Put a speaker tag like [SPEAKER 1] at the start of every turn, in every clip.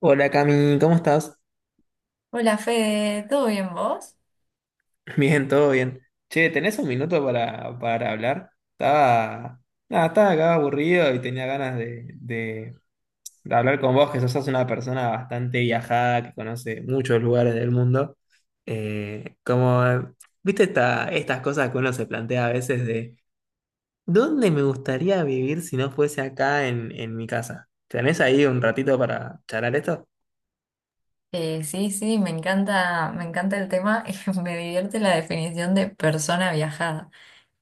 [SPEAKER 1] Hola Cami, ¿cómo estás?
[SPEAKER 2] Hola Fede, ¿todo bien vos?
[SPEAKER 1] Bien, todo bien. Che, ¿tenés un minuto para hablar? Nada, estaba acá aburrido y tenía ganas de hablar con vos, que sos una persona bastante viajada, que conoce muchos lugares del mundo. Como viste estas cosas que uno se plantea a veces de, ¿dónde me gustaría vivir si no fuese acá en mi casa? ¿Tenés ahí un ratito para charlar esto?
[SPEAKER 2] Sí, sí, me encanta el tema, me divierte la definición de persona viajada.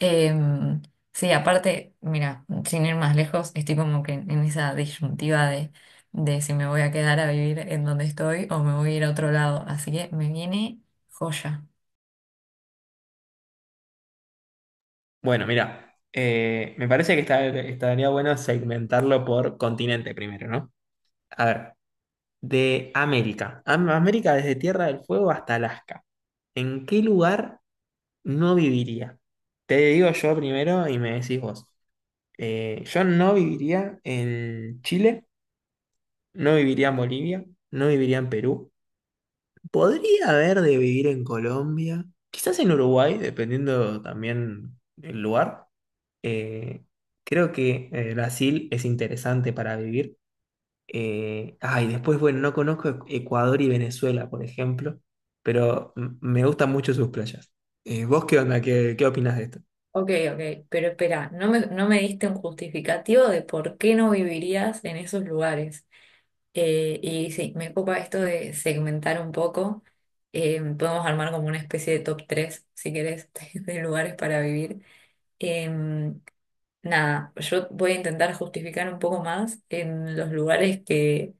[SPEAKER 2] Em, sí, aparte, mira, sin ir más lejos, estoy como que en esa disyuntiva de si me voy a quedar a vivir en donde estoy o me voy a ir a otro lado, así que me viene joya.
[SPEAKER 1] Bueno, mira, me parece que estaría bueno segmentarlo por continente primero, ¿no? A ver, de América. América desde Tierra del Fuego hasta Alaska. ¿En qué lugar no viviría? Te digo yo primero y me decís vos. Yo no viviría en Chile, no viviría en Bolivia, no viviría en Perú. Podría haber de vivir en Colombia, quizás en Uruguay, dependiendo también del lugar. Eh, creo que Brasil es interesante para vivir. Después, bueno, no conozco Ecuador y Venezuela, por ejemplo, pero me gustan mucho sus playas. ¿Vos qué onda? ¿Qué opinas de esto?
[SPEAKER 2] Ok, ok, pero espera, no me diste un justificativo de por qué no vivirías en esos lugares. Y sí, me copa esto de segmentar un poco. Podemos armar como una especie de top 3 si querés, de lugares para vivir. Eh, Nada, yo voy a intentar justificar un poco más en los lugares que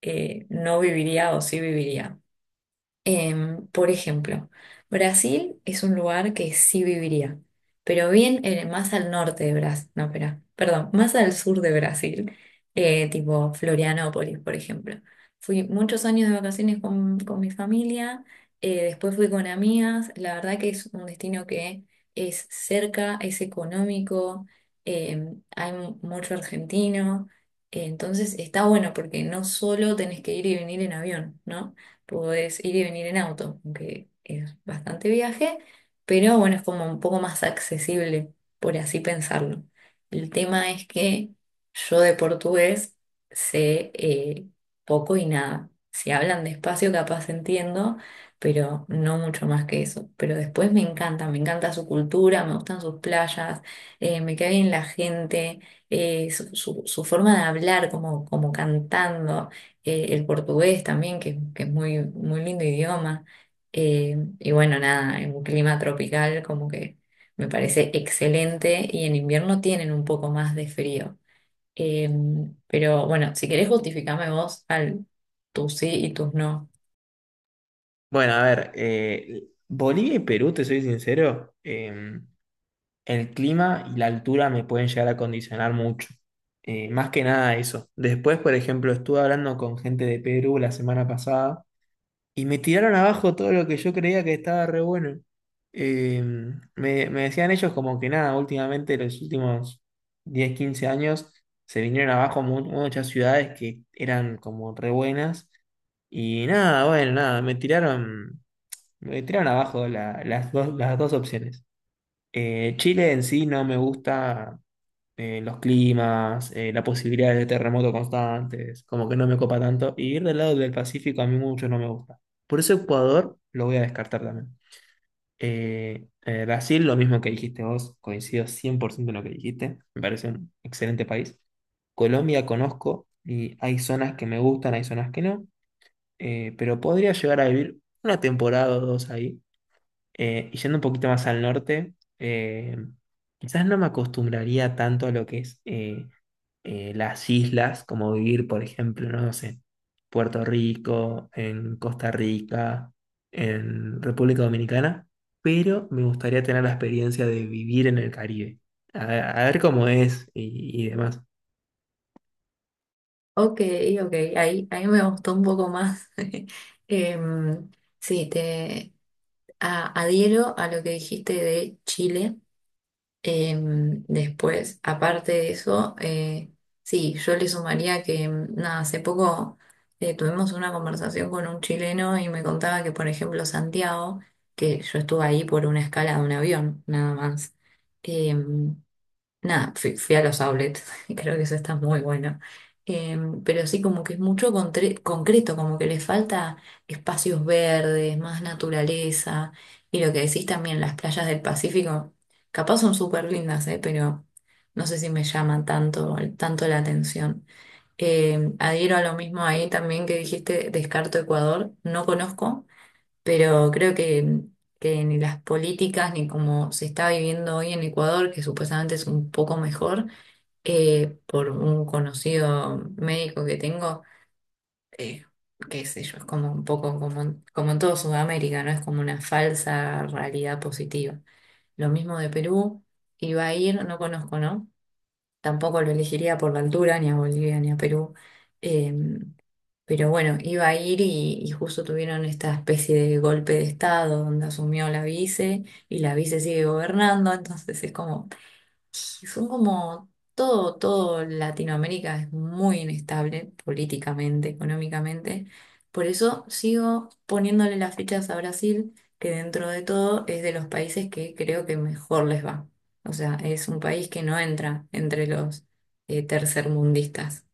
[SPEAKER 2] no viviría o sí viviría. Por ejemplo, Brasil es un lugar que sí viviría, pero más al norte de Brasil, no, espera, perdón, más al sur de Brasil, tipo Florianópolis, por ejemplo. Fui muchos años de vacaciones con mi familia, después fui con amigas, la verdad que es un destino que es cerca, es económico, hay mucho argentino, entonces está bueno porque no solo tenés que ir y venir en avión, ¿no? Podés ir y venir en auto, aunque es bastante viaje, pero bueno, es como un poco más accesible, por así pensarlo. El tema es que yo de portugués sé poco y nada. Si hablan despacio, capaz entiendo, pero no mucho más que eso. Pero después me encanta su cultura, me gustan sus playas, me cae bien la gente, su forma de hablar, como, como cantando el portugués también, que es muy, muy lindo idioma. Y bueno, nada, en un clima tropical como que me parece excelente y en invierno tienen un poco más de frío. Eh, pero bueno, si querés justificame vos al tus sí y tus no.
[SPEAKER 1] Bueno, a ver, Bolivia y Perú, te soy sincero, el clima y la altura me pueden llegar a condicionar mucho. Más que nada eso. Después, por ejemplo, estuve hablando con gente de Perú la semana pasada y me tiraron abajo todo lo que yo creía que estaba re bueno. Eh, me decían ellos como que nada, últimamente los últimos 10, 15 años se vinieron abajo muchas ciudades que eran como re buenas. Y nada, bueno, nada, me tiraron abajo las dos opciones. Chile en sí no me gusta, los climas, la posibilidad de terremotos constantes, como que no me copa tanto. Y ir del lado del Pacífico a mí mucho no me gusta. Por eso Ecuador lo voy a descartar también. Brasil, lo mismo que dijiste vos, coincido 100% en lo que dijiste, me parece un excelente país. Colombia conozco y hay zonas que me gustan, hay zonas que no, pero podría llegar a vivir una temporada o dos ahí, y yendo un poquito más al norte, eh, quizás no me acostumbraría tanto a lo que es, las islas, como vivir, por ejemplo, no, no sé, Puerto Rico, en Costa Rica, en República Dominicana, pero me gustaría tener la experiencia de vivir en el Caribe, a, a ver cómo es, y demás.
[SPEAKER 2] Ok, ok, ahí, ahí me gustó un poco más. Em, sí, te adhiero a lo que dijiste de Chile. Después, aparte de eso, sí, yo le sumaría que, mm, nada, hace poco tuvimos una conversación con un chileno y me contaba que, por ejemplo, Santiago, que yo estuve ahí por una escala de un avión, nada más, em, nada, fui, fui a los outlets y creo que eso está muy bueno. Pero sí, como que es mucho concreto, como que le falta espacios verdes, más naturaleza. Y lo que decís también, las playas del Pacífico, capaz son súper lindas, pero no sé si me llaman tanto, tanto la atención. Adhiero a lo mismo ahí también que dijiste, descarto Ecuador, no conozco pero creo que ni las políticas ni como se está viviendo hoy en Ecuador, que supuestamente es un poco mejor, por un conocido médico que tengo, eh, qué sé yo, es como un poco como, como en todo Sudamérica, ¿no? Es como una falsa realidad positiva. Lo mismo de Perú, iba a ir, no conozco, ¿no? Tampoco lo elegiría por la altura, ni a Bolivia, ni a Perú. eh, pero bueno, iba a ir y justo tuvieron esta especie de golpe de estado donde asumió la vice y la vice sigue gobernando, entonces es como, son como todo, todo Latinoamérica es muy inestable políticamente, económicamente. Por eso sigo poniéndole las fichas a Brasil, que dentro de todo es de los países que creo que mejor les va. O sea, es un país que no entra entre los tercermundistas.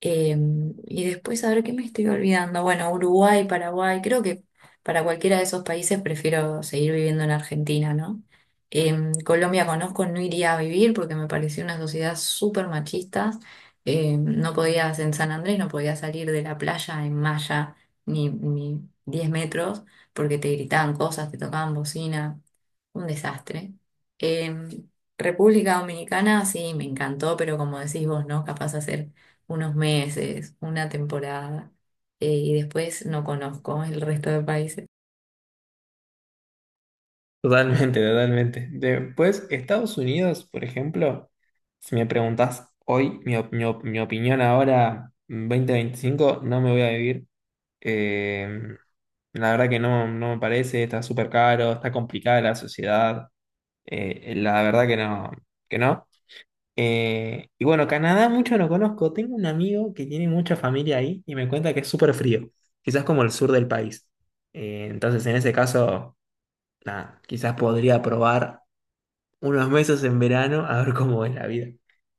[SPEAKER 2] Y después, a ver qué me estoy olvidando. Bueno, Uruguay, Paraguay, creo que para cualquiera de esos países prefiero seguir viviendo en Argentina, ¿no? Colombia conozco, no iría a vivir porque me pareció una sociedad súper machista. No podías en San Andrés, no podías salir de la playa en malla ni 10 metros porque te gritaban cosas, te tocaban bocina. Un desastre. Em, República Dominicana, sí, me encantó, pero como decís vos, ¿no? Capaz de hacer unos meses, una temporada, y después no conozco el resto de países.
[SPEAKER 1] Totalmente, totalmente. Después, Estados Unidos, por ejemplo, si me preguntás hoy mi opinión ahora, 2025 no me voy a vivir. Eh, la verdad que no, no me parece, está súper caro, está complicada la sociedad. La verdad que no, que no. Y bueno, Canadá mucho no conozco. Tengo un amigo que tiene mucha familia ahí y me cuenta que es súper frío, quizás como el sur del país. Entonces, en ese caso, nada, quizás podría probar unos meses en verano a ver cómo es la vida.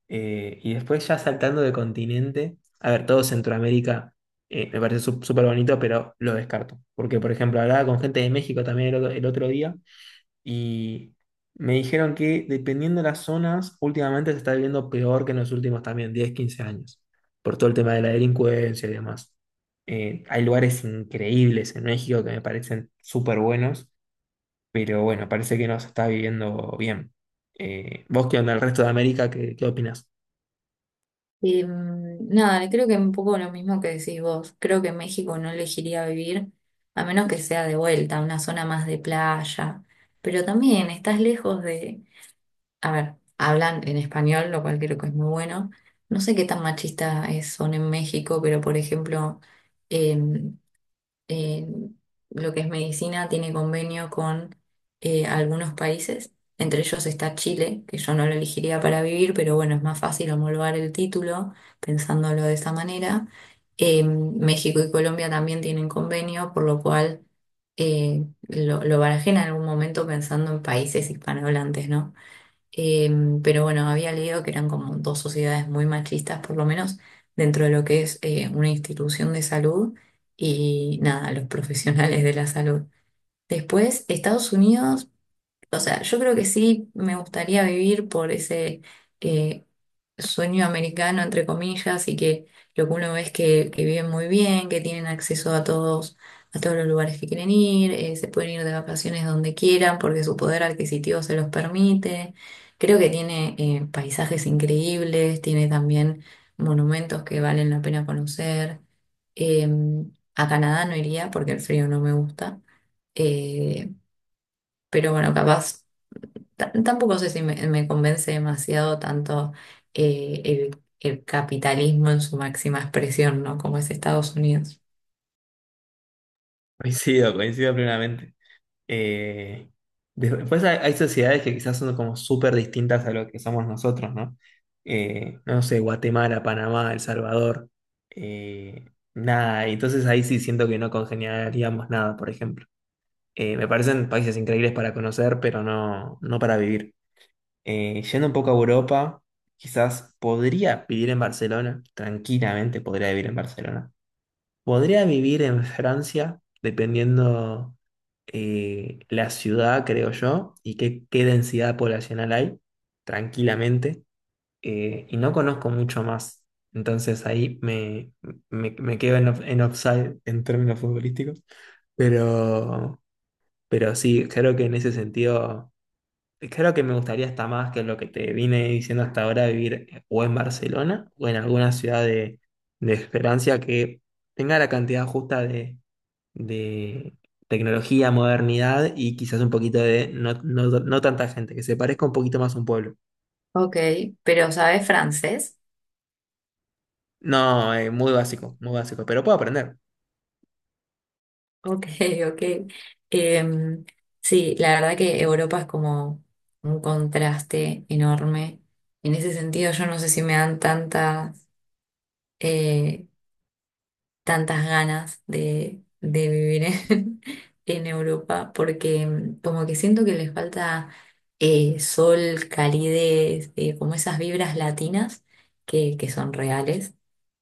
[SPEAKER 1] Y después ya saltando de continente, a ver, todo Centroamérica, me parece súper bonito, pero lo descarto. Porque, por ejemplo, hablaba con gente de México también el otro día y me dijeron que dependiendo de las zonas, últimamente se está viviendo peor que en los últimos también 10 15 años, por todo el tema de la delincuencia y demás. Hay lugares increíbles en México que me parecen súper buenos, pero bueno, parece que nos está viviendo bien. ¿Vos qué onda el resto de América? ¿Qué opinás?
[SPEAKER 2] Nada, creo que un poco lo mismo que decís vos, creo que en México no elegiría vivir, a menos que sea de vuelta, una zona más de playa, pero también estás lejos de, a ver, hablan en español, lo cual creo que es muy bueno. No sé qué tan machista es, son en México, pero por ejemplo, eh, eh, lo que es medicina tiene convenio con algunos países, entre ellos está Chile, que yo no lo elegiría para vivir, pero bueno, es más fácil homologar el título pensándolo de esa manera. México y Colombia también tienen convenio, por lo cual lo barajé en algún momento pensando en países hispanohablantes, ¿no? Pero bueno, había leído que eran como dos sociedades muy machistas, por lo menos dentro de lo que es una institución de salud y nada, los profesionales de la salud. Después, Estados Unidos. O sea, yo creo que sí me gustaría vivir por ese eh, sueño americano, entre comillas, y que lo que uno ve es que viven muy bien, que tienen acceso a todos los lugares que quieren ir, se pueden ir de vacaciones donde quieran porque su poder adquisitivo se los permite. Creo que tiene paisajes increíbles, tiene también monumentos que valen la pena conocer. A Canadá no iría porque el frío no me gusta. Eh, pero bueno, capaz. Tampoco sé si me convence demasiado tanto el capitalismo en su máxima expresión, ¿no? Como es Estados Unidos.
[SPEAKER 1] Coincido, coincido plenamente. Eh, después hay sociedades que quizás son como súper distintas a lo que somos nosotros, ¿no? No sé, Guatemala, Panamá, El Salvador, eh, nada, y entonces ahí sí siento que no congeniaríamos nada, por ejemplo. Me parecen países increíbles para conocer, pero no, no para vivir. Yendo un poco a Europa, quizás podría vivir en Barcelona, tranquilamente podría vivir en Barcelona. Podría vivir en Francia, dependiendo, la ciudad, creo yo, y qué densidad poblacional hay, tranquilamente. Y no conozco mucho más, entonces ahí me quedo en offside en términos futbolísticos. Pero, pero sí, creo que en ese sentido. Creo que me gustaría hasta más que lo que te vine diciendo hasta ahora, vivir, o en Barcelona o en alguna ciudad de Francia que tenga la cantidad justa de tecnología, modernidad y quizás un poquito de no, no, no tanta gente, que se parezca un poquito más a un pueblo.
[SPEAKER 2] Ok, pero ¿sabes francés?
[SPEAKER 1] No, muy básico, pero puedo aprender.
[SPEAKER 2] Ok, ok. Em, sí, la verdad que Europa es como un contraste enorme. En ese sentido, yo no sé si me dan tantas eh, tantas ganas de vivir en, en Europa, porque mm, como que siento que les falta sol, calidez, como esas vibras latinas que son reales,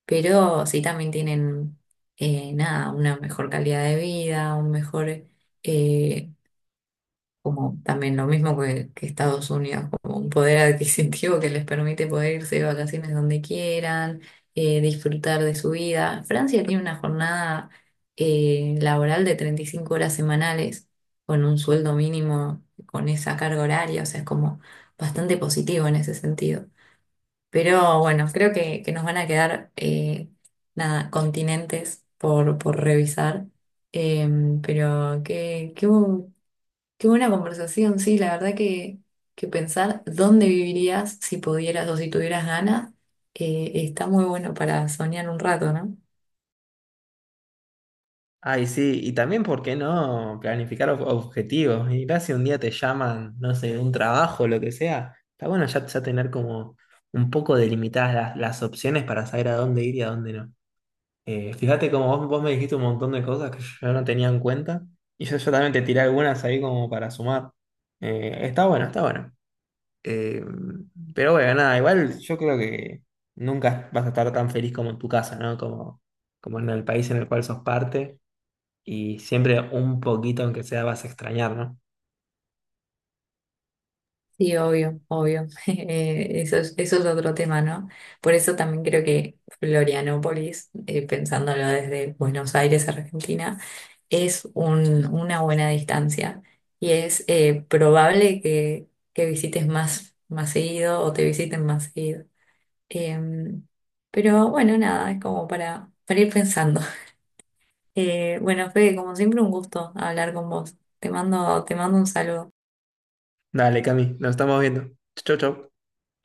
[SPEAKER 2] pero sí también tienen, nada, una mejor calidad de vida, un mejor... eh, como también lo mismo que Estados Unidos, como un poder adquisitivo que les permite poder irse de vacaciones donde quieran, disfrutar de su vida. Francia tiene una jornada laboral de 35 horas semanales con un sueldo mínimo con esa carga horaria, o sea, es como bastante positivo en ese sentido. Pero bueno, creo que nos van a quedar nada, continentes por revisar. Em, pero qué, qué, Qué buena conversación, sí, la verdad que pensar dónde vivirías si pudieras o si tuvieras ganas, está muy bueno para soñar un rato, ¿no?
[SPEAKER 1] Ay, sí, y también, ¿por qué no planificar objetivos? Y mirá si un día te llaman, no sé, de un trabajo, lo que sea. Está bueno ya, ya tener como un poco delimitadas las opciones para saber a dónde ir y a dónde no. Fíjate como vos me dijiste un montón de cosas que yo no tenía en cuenta, y yo también te tiré algunas ahí como para sumar. Está bueno, está bueno. Eh, pero bueno, nada, igual yo creo que nunca vas a estar tan feliz como en tu casa, ¿no? Como en el país en el cual sos parte y siempre un poquito, aunque sea, vas a extrañar, ¿no?
[SPEAKER 2] Sí, obvio, obvio. Eso es, eso es otro tema, ¿no? Por eso también creo que Florianópolis, pensándolo desde Buenos Aires, Argentina, es una buena distancia y es probable que visites más, más seguido o te visiten más seguido. Em, pero bueno, nada, es como para ir pensando. Bueno, Fede, como siempre, un gusto hablar con vos. Te mando un saludo.
[SPEAKER 1] Dale, Cami, nos estamos viendo. Chau, chau.